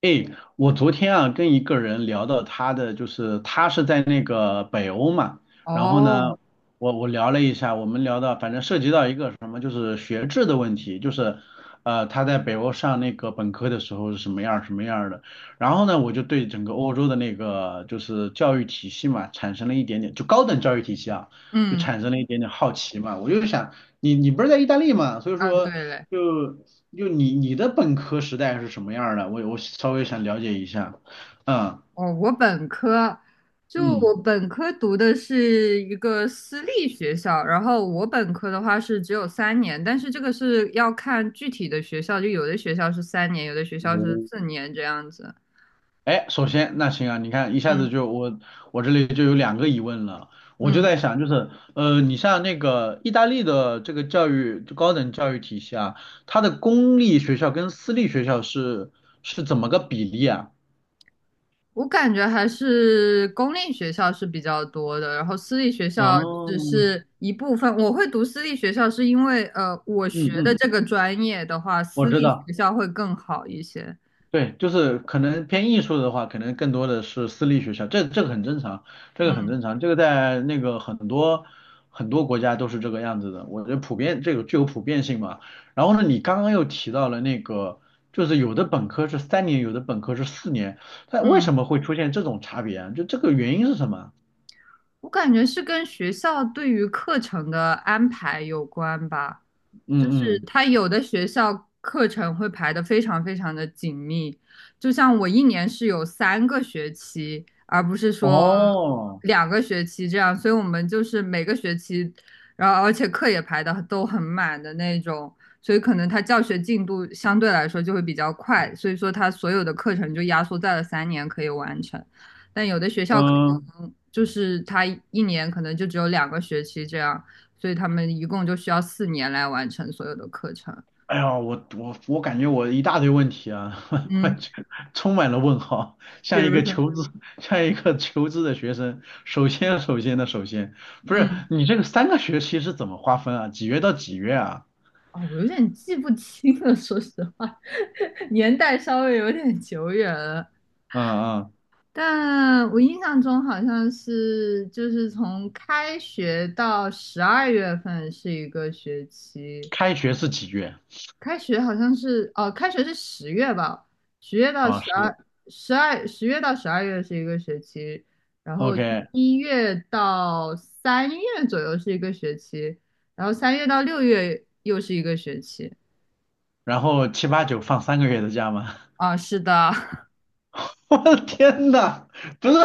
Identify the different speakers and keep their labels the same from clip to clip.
Speaker 1: 诶，我昨天啊跟一个人聊到他的，就是他是在那个北欧嘛，然后呢，
Speaker 2: 哦。
Speaker 1: 我聊了一下，我们聊到反正涉及到一个什么，就是学制的问题，就是他在北欧上那个本科的时候是什么样儿什么样儿的，然后呢我就对整个欧洲的那个就是教育体系嘛产生了一点点，就高等教育体系啊，就
Speaker 2: 嗯
Speaker 1: 产生了一点点好奇嘛。我就想你不是在意大利嘛，所以
Speaker 2: 啊，对
Speaker 1: 说
Speaker 2: 嘞。
Speaker 1: 就你的本科时代是什么样儿的？我稍微想了解一下。嗯
Speaker 2: 哦，我本科就我
Speaker 1: 嗯，
Speaker 2: 本科读的是一个私立学校，然后我本科的话是只有三年，但是这个是要看具体的学校，就有的学校是三年，有的学校是
Speaker 1: 我，
Speaker 2: 四年这样子。
Speaker 1: 哎，首先那行啊，你看一下子
Speaker 2: 嗯
Speaker 1: 就我这里就有两个疑问了。我就
Speaker 2: 嗯，
Speaker 1: 在想就是，你像那个意大利的这个教育就高等教育体系啊，它的公立学校跟私立学校是怎么个比例啊？
Speaker 2: 我感觉还是公立学校是比较多的，然后私立学校
Speaker 1: 哦，
Speaker 2: 只是一部分。我会读私立学校是因为我学
Speaker 1: 嗯
Speaker 2: 的
Speaker 1: 嗯，
Speaker 2: 这个专业的话，
Speaker 1: 我
Speaker 2: 私
Speaker 1: 知
Speaker 2: 立
Speaker 1: 道。
Speaker 2: 学校会更好一些。
Speaker 1: 对，就是可能偏艺术的话，可能更多的是私立学校。这个很正常，这个很
Speaker 2: 嗯
Speaker 1: 正常，这个在那个很多很多国家都是这个样子的，我觉得普遍这个具有普遍性嘛。然后呢，你刚刚又提到了那个，就是有的本科是三年，有的本科是四年，它为
Speaker 2: 嗯，
Speaker 1: 什么会出现这种差别啊？就这个原因是什么啊？
Speaker 2: 我感觉是跟学校对于课程的安排有关吧，
Speaker 1: 嗯
Speaker 2: 就是
Speaker 1: 嗯，
Speaker 2: 它有的学校课程会排的非常非常的紧密，就像我一年是有3个学期，而不是说
Speaker 1: 哦，
Speaker 2: 两个学期这样，所以我们就是每个学期，然后而且课也排的都很满的那种，所以可能它教学进度相对来说就会比较快，所以说它所有的课程就压缩在了三年可以完成。但有的学校可
Speaker 1: 嗯。
Speaker 2: 能就是他一年可能就只有两个学期这样，所以他们一共就需要四年来完成所有的课程。
Speaker 1: 哎呀，我感觉我一大堆问题啊，我
Speaker 2: 嗯，
Speaker 1: 就充满了问号，
Speaker 2: 比
Speaker 1: 像一
Speaker 2: 如
Speaker 1: 个
Speaker 2: 说。
Speaker 1: 求知，像一个求知的学生。首先，首先的首先，不是
Speaker 2: 嗯。
Speaker 1: 你这个三个学期是怎么划分啊？几月到几月啊？
Speaker 2: 啊、我有点记不清了，说实话。年代稍微有点久远了。
Speaker 1: 嗯嗯，
Speaker 2: 但我印象中好像是，就是从开学到12月份是一个学期，
Speaker 1: 开学是几月
Speaker 2: 开学好像是哦，开学是十月吧，十月到
Speaker 1: 啊？
Speaker 2: 十
Speaker 1: 是
Speaker 2: 二，十月到十二月是一个学期，然后
Speaker 1: OK，
Speaker 2: 一月到三月左右是一个学期，然后三月到6月又是一个学期。
Speaker 1: 然后七八九放三个月的假吗？
Speaker 2: 啊，是的。
Speaker 1: 我的天呐，不是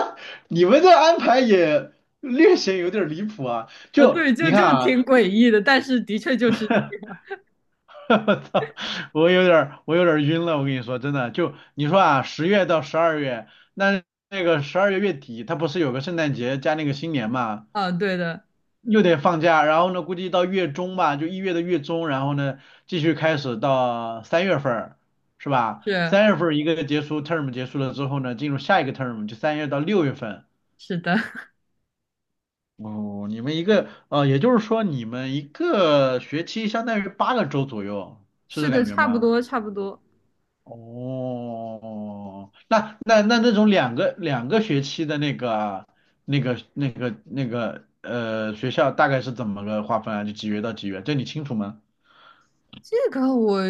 Speaker 1: 你们这安排也略显有点离谱啊！
Speaker 2: 啊，
Speaker 1: 就
Speaker 2: 对，就
Speaker 1: 你看
Speaker 2: 就
Speaker 1: 啊，
Speaker 2: 挺诡异的，但是的确就是。
Speaker 1: 我操，我有点儿，我有点儿晕了。我跟你说，真的，就你说啊，10月到12月，那12月月底，它不是有个圣诞节加那个新年嘛，
Speaker 2: 啊，对的。
Speaker 1: 又得放假。然后呢，估计到月中吧，就1月的月中，然后呢，继续开始到三月份儿，是吧？
Speaker 2: 是
Speaker 1: 三月份儿一个结束 term 结束了之后呢，进入下一个 term，就3月到6月份。
Speaker 2: 是的，
Speaker 1: 哦，你们一个，呃，也就是说你们一个学期相当于8个周左右，是
Speaker 2: 是
Speaker 1: 这
Speaker 2: 的，
Speaker 1: 感觉
Speaker 2: 差不
Speaker 1: 吗？
Speaker 2: 多差不多。
Speaker 1: 哦，那种两个学期的那个啊那个学校大概是怎么个划分啊？就几月到几月？这你清楚吗？
Speaker 2: 这个我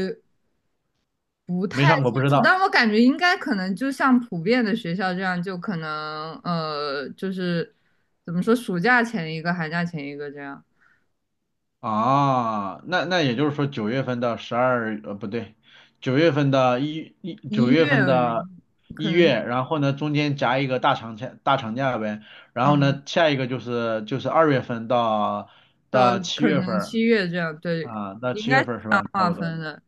Speaker 2: 不
Speaker 1: 没
Speaker 2: 太
Speaker 1: 上过不
Speaker 2: 清
Speaker 1: 知
Speaker 2: 楚，
Speaker 1: 道
Speaker 2: 但我感觉应该可能就像普遍的学校这样，就可能就是怎么说，暑假前一个，寒假前一个这样，
Speaker 1: 啊。那那也就是说九月份到十二不对，九
Speaker 2: 一
Speaker 1: 月份
Speaker 2: 月
Speaker 1: 的
Speaker 2: 可
Speaker 1: 一
Speaker 2: 能
Speaker 1: 月，然后呢中间夹一个大长假大长假呗，然后
Speaker 2: 嗯
Speaker 1: 呢下一个就是就是2月份到
Speaker 2: 到
Speaker 1: 到七
Speaker 2: 可
Speaker 1: 月份
Speaker 2: 能
Speaker 1: 儿
Speaker 2: 7月这样，对，
Speaker 1: 啊，到
Speaker 2: 应
Speaker 1: 七
Speaker 2: 该
Speaker 1: 月
Speaker 2: 是
Speaker 1: 份儿是吧？差
Speaker 2: 划
Speaker 1: 不多。
Speaker 2: 分的。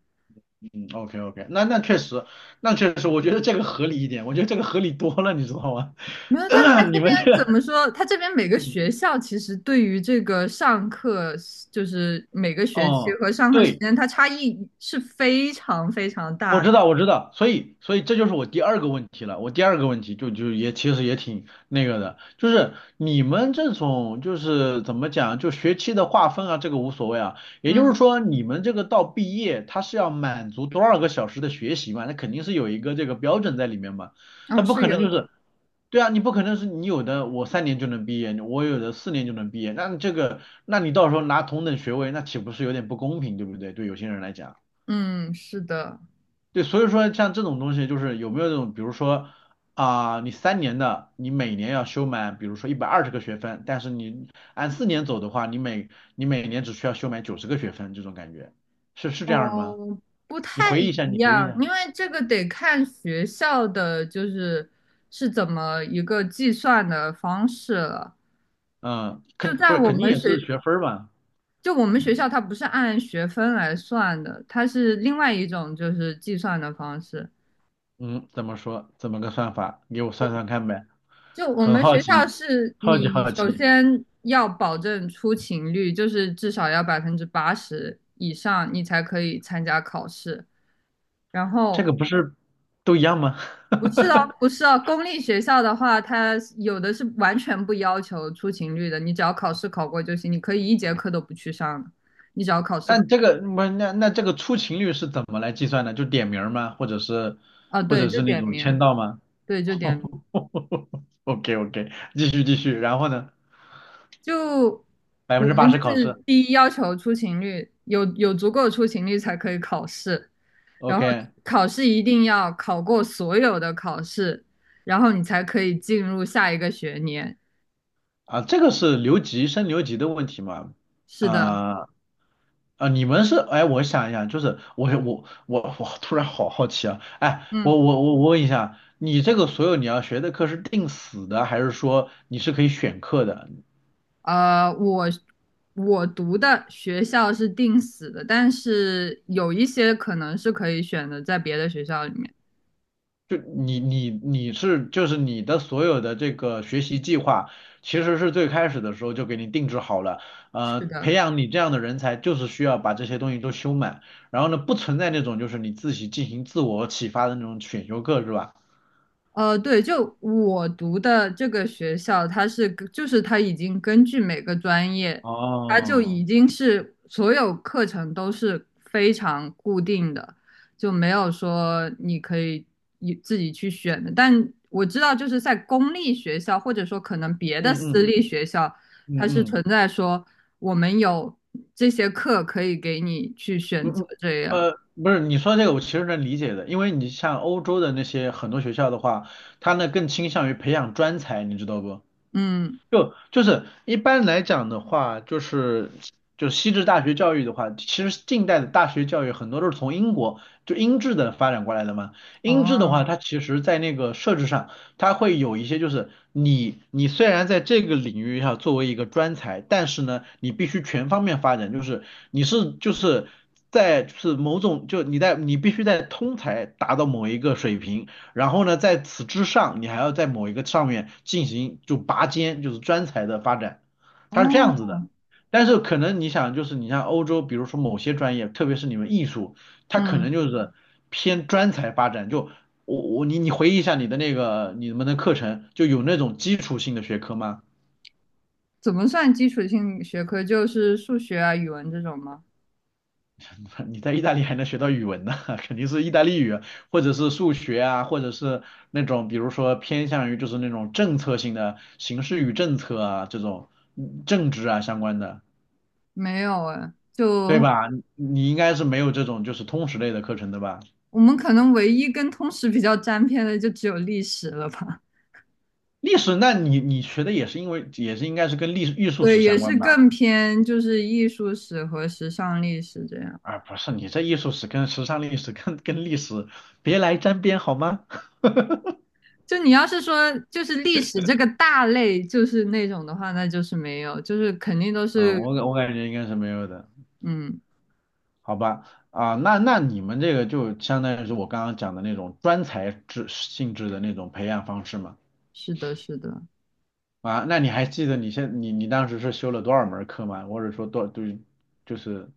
Speaker 1: OK OK，那那确实，那确实，我觉得这个合理一点，我觉得这个合理多了，你知道吗？
Speaker 2: 没有，但他
Speaker 1: 你
Speaker 2: 这边
Speaker 1: 们这
Speaker 2: 怎
Speaker 1: 个，
Speaker 2: 么说？他这边每个学校其实对于这个上课，就是每个学期
Speaker 1: 哦，
Speaker 2: 和上课时
Speaker 1: 对，
Speaker 2: 间，它差异是非常非常
Speaker 1: 我
Speaker 2: 大的。
Speaker 1: 知道，我知道，所以，所以这就是我第二个问题了。我第二个问题也其实也挺那个的，就是你们这种就是怎么讲，就学期的划分啊，这个无所谓啊。也就是
Speaker 2: 嗯。
Speaker 1: 说，你们这个到毕业，它是要满足多少个小时的学习嘛？那肯定是有一个这个标准在里面嘛。它
Speaker 2: 哦，
Speaker 1: 不
Speaker 2: 是
Speaker 1: 可能
Speaker 2: 有
Speaker 1: 就
Speaker 2: 的。
Speaker 1: 是，对啊，你不可能是你有的我三年就能毕业，我有的四年就能毕业，那这个，那你到时候拿同等学位，那岂不是有点不公平，对不对？对有些人来讲。
Speaker 2: 嗯，是的。
Speaker 1: 对，所以说像这种东西，就是有没有这种，比如说你三年的，你每年要修满，比如说120个学分，但是你按四年走的话，你每年只需要修满90个学分，这种感觉是这样吗？
Speaker 2: 哦，不
Speaker 1: 你
Speaker 2: 太
Speaker 1: 回忆一下，
Speaker 2: 一
Speaker 1: 你回忆一
Speaker 2: 样，
Speaker 1: 下。
Speaker 2: 因为这个得看学校的，就是是怎么一个计算的方式了。
Speaker 1: 嗯，
Speaker 2: 就
Speaker 1: 不
Speaker 2: 在
Speaker 1: 是
Speaker 2: 我
Speaker 1: 肯定
Speaker 2: 们
Speaker 1: 也是
Speaker 2: 学，
Speaker 1: 学分儿吧？
Speaker 2: 就我们学校，它不是按学分来算的，它是另外一种就是计算的方式。
Speaker 1: 嗯，怎么说？怎么个算法？给我算算看呗，
Speaker 2: 就我
Speaker 1: 很
Speaker 2: 们
Speaker 1: 好
Speaker 2: 学
Speaker 1: 奇，
Speaker 2: 校是
Speaker 1: 好奇
Speaker 2: 你
Speaker 1: 好
Speaker 2: 首
Speaker 1: 奇。
Speaker 2: 先要保证出勤率，就是至少要80%以上，你才可以参加考试。然
Speaker 1: 这
Speaker 2: 后
Speaker 1: 个不是都一样吗？
Speaker 2: 不是哦，不是哦，公立学校的话，它有的是完全不要求出勤率的，你只要考试考过就行，你可以一节课都不去上的，你只要考试
Speaker 1: 那
Speaker 2: 考
Speaker 1: 这个不是那那这个出勤率是怎么来计算的？就点名儿吗？或者是
Speaker 2: 啊，
Speaker 1: 或
Speaker 2: 对，
Speaker 1: 者
Speaker 2: 就
Speaker 1: 是那
Speaker 2: 点
Speaker 1: 种签
Speaker 2: 名，
Speaker 1: 到吗
Speaker 2: 对，就点名。
Speaker 1: ？OK OK，继续继续。然后呢？
Speaker 2: 就
Speaker 1: 百
Speaker 2: 我
Speaker 1: 分之八
Speaker 2: 们
Speaker 1: 十
Speaker 2: 就
Speaker 1: 考
Speaker 2: 是
Speaker 1: 试。
Speaker 2: 第一要求出勤率，有足够出勤率才可以考试，然后
Speaker 1: OK，
Speaker 2: 考试一定要考过所有的考试，然后你才可以进入下一个学年。
Speaker 1: 啊，这个是留级留级的问题嘛？
Speaker 2: 是的。
Speaker 1: 啊、啊，你们是哎，我想一想，就是我突然好好奇啊！哎，
Speaker 2: 嗯。
Speaker 1: 我问一下，你这个所有你要学的课是定死的，还是说你是可以选课的？
Speaker 2: 呃，我我读的学校是定死的，但是有一些可能是可以选的，在别的学校里面。
Speaker 1: 就你是就是你的所有的这个学习计划，其实是最开始的时候就给你定制好了。呃，
Speaker 2: 是
Speaker 1: 培
Speaker 2: 的。
Speaker 1: 养你这样的人才，就是需要把这些东西都修满。然后呢，不存在那种就是你自己进行自我启发的那种选修课，是吧？
Speaker 2: 对，就我读的这个学校，它是根就是它已经根据每个专业，它就
Speaker 1: 哦，
Speaker 2: 已经是所有课程都是非常固定的，就没有说你可以你自己去选的。但我知道，就是在公立学校，或者说可能别的
Speaker 1: 嗯
Speaker 2: 私
Speaker 1: 嗯
Speaker 2: 立学校，它
Speaker 1: 嗯
Speaker 2: 是存
Speaker 1: 嗯
Speaker 2: 在说我们有这些课可以给你去
Speaker 1: 嗯
Speaker 2: 选择
Speaker 1: 嗯，
Speaker 2: 这样。
Speaker 1: 不是，你说这个我其实能理解的，因为你像欧洲的那些很多学校的话，他呢更倾向于培养专才，你知道不？
Speaker 2: 嗯。
Speaker 1: 就是一般来讲的话，就是就是西制大学教育的话，其实近代的大学教育很多都是从英国就英制的发展过来的嘛。英制的话，
Speaker 2: 哦。
Speaker 1: 它其实在那个设置上，它会有一些就是你虽然在这个领域上作为一个专才，但是呢，你必须全方面发展，就是你是就是在就是某种就你在你必须在通才达到某一个水平，然后呢，在此之上，你还要在某一个上面进行就拔尖，就是专才的发展，它是这样子的。
Speaker 2: 哦。
Speaker 1: 但是可能你想，就是你像欧洲，比如说某些专业，特别是你们艺术，它可能
Speaker 2: 嗯。
Speaker 1: 就是偏专才发展。就我我你回忆一下你的那个你们的课程，就有那种基础性的学科吗？
Speaker 2: 怎么算基础性学科？就是数学啊、语文这种吗？
Speaker 1: 你在意大利还能学到语文呢，肯定是意大利语，或者是数学啊，或者是那种比如说偏向于就是那种政策性的形势与政策啊这种政治啊相关的，
Speaker 2: 没有哎，
Speaker 1: 对
Speaker 2: 就
Speaker 1: 吧？你你应该是没有这种就是通识类的课程的吧？
Speaker 2: 我们可能唯一跟通识比较沾边的，就只有历史了吧？
Speaker 1: 历史，那你学的也是因为也是应该是跟艺 术史
Speaker 2: 对，也
Speaker 1: 相关
Speaker 2: 是
Speaker 1: 吧？
Speaker 2: 更偏就是艺术史和时尚历史这样。
Speaker 1: 啊，不是，你这艺术史跟时尚历史跟跟历史别来沾边好吗？
Speaker 2: 就你要是说就是历史这个大类，就是那种的话，那就是没有，就是肯定都
Speaker 1: 嗯，
Speaker 2: 是。
Speaker 1: 我感觉应该是没有的。
Speaker 2: 嗯，
Speaker 1: 好吧，啊，那那你们这个就相当于是我刚刚讲的那种专才制性质的那种培养方式嘛？
Speaker 2: 是的，是的。
Speaker 1: 啊，那你还记得你你你当时是修了多少门课吗？或者说多对，就是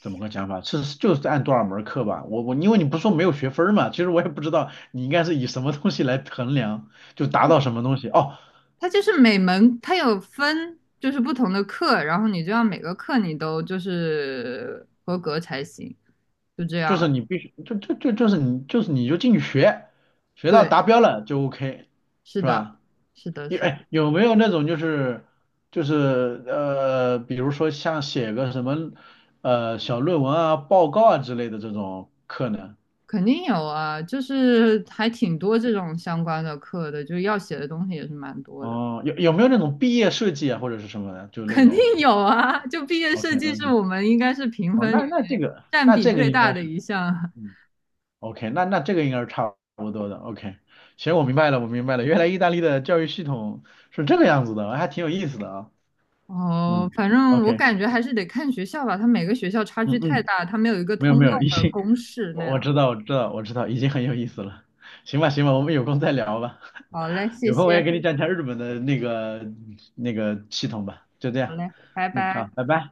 Speaker 1: 怎么个讲法？是就是按多少门课吧？我因为你不说没有学分儿嘛，其实我也不知道你应该是以什么东西来衡量，就达到什么东西哦，
Speaker 2: 它就是每门它有分，就是不同的课，然后你就要每个课你都就是合格才行，就这
Speaker 1: 就
Speaker 2: 样。
Speaker 1: 是你必须就是你就是你就进去学，学到
Speaker 2: 对，
Speaker 1: 达标了就 OK，
Speaker 2: 是
Speaker 1: 是
Speaker 2: 的，
Speaker 1: 吧？
Speaker 2: 是的，
Speaker 1: 有
Speaker 2: 是的。
Speaker 1: 哎，有没有那种就是就是，比如说像写个什么小论文啊、报告啊之类的这种课呢？
Speaker 2: 肯定有啊，就是还挺多这种相关的课的，就是要写的东西也是蛮多的。
Speaker 1: 哦，有有没有那种毕业设计啊，或者是什么的，就那
Speaker 2: 肯定
Speaker 1: 种
Speaker 2: 有啊。就毕业设
Speaker 1: ？OK
Speaker 2: 计是
Speaker 1: OK，
Speaker 2: 我们应该是评
Speaker 1: 哦，
Speaker 2: 分里
Speaker 1: 那那这
Speaker 2: 面
Speaker 1: 个
Speaker 2: 占
Speaker 1: 那
Speaker 2: 比
Speaker 1: 这个
Speaker 2: 最
Speaker 1: 应
Speaker 2: 大
Speaker 1: 该
Speaker 2: 的
Speaker 1: 是
Speaker 2: 一项啊。
Speaker 1: 嗯 OK，那那这个应该是差不多的 OK。行，我明白了，我明白了，原来意大利的教育系统是这个样子的，还挺有意思的啊。
Speaker 2: 哦，
Speaker 1: 嗯
Speaker 2: 反正我
Speaker 1: ，OK，
Speaker 2: 感觉还是得看学校吧，它每个学校差距
Speaker 1: 嗯
Speaker 2: 太
Speaker 1: 嗯，
Speaker 2: 大，它没有一个
Speaker 1: 没有
Speaker 2: 通
Speaker 1: 没
Speaker 2: 用
Speaker 1: 有，已
Speaker 2: 的
Speaker 1: 经
Speaker 2: 公式那
Speaker 1: 我知
Speaker 2: 样。
Speaker 1: 道，我知道，我知道，已经很有意思了。行吧，行吧，我们有空再聊吧。
Speaker 2: 好嘞，谢
Speaker 1: 有空我也给
Speaker 2: 谢。
Speaker 1: 你讲讲日本的那个那个系统吧。就这
Speaker 2: 好
Speaker 1: 样，
Speaker 2: 嘞，拜
Speaker 1: 嗯，好，
Speaker 2: 拜。
Speaker 1: 拜拜。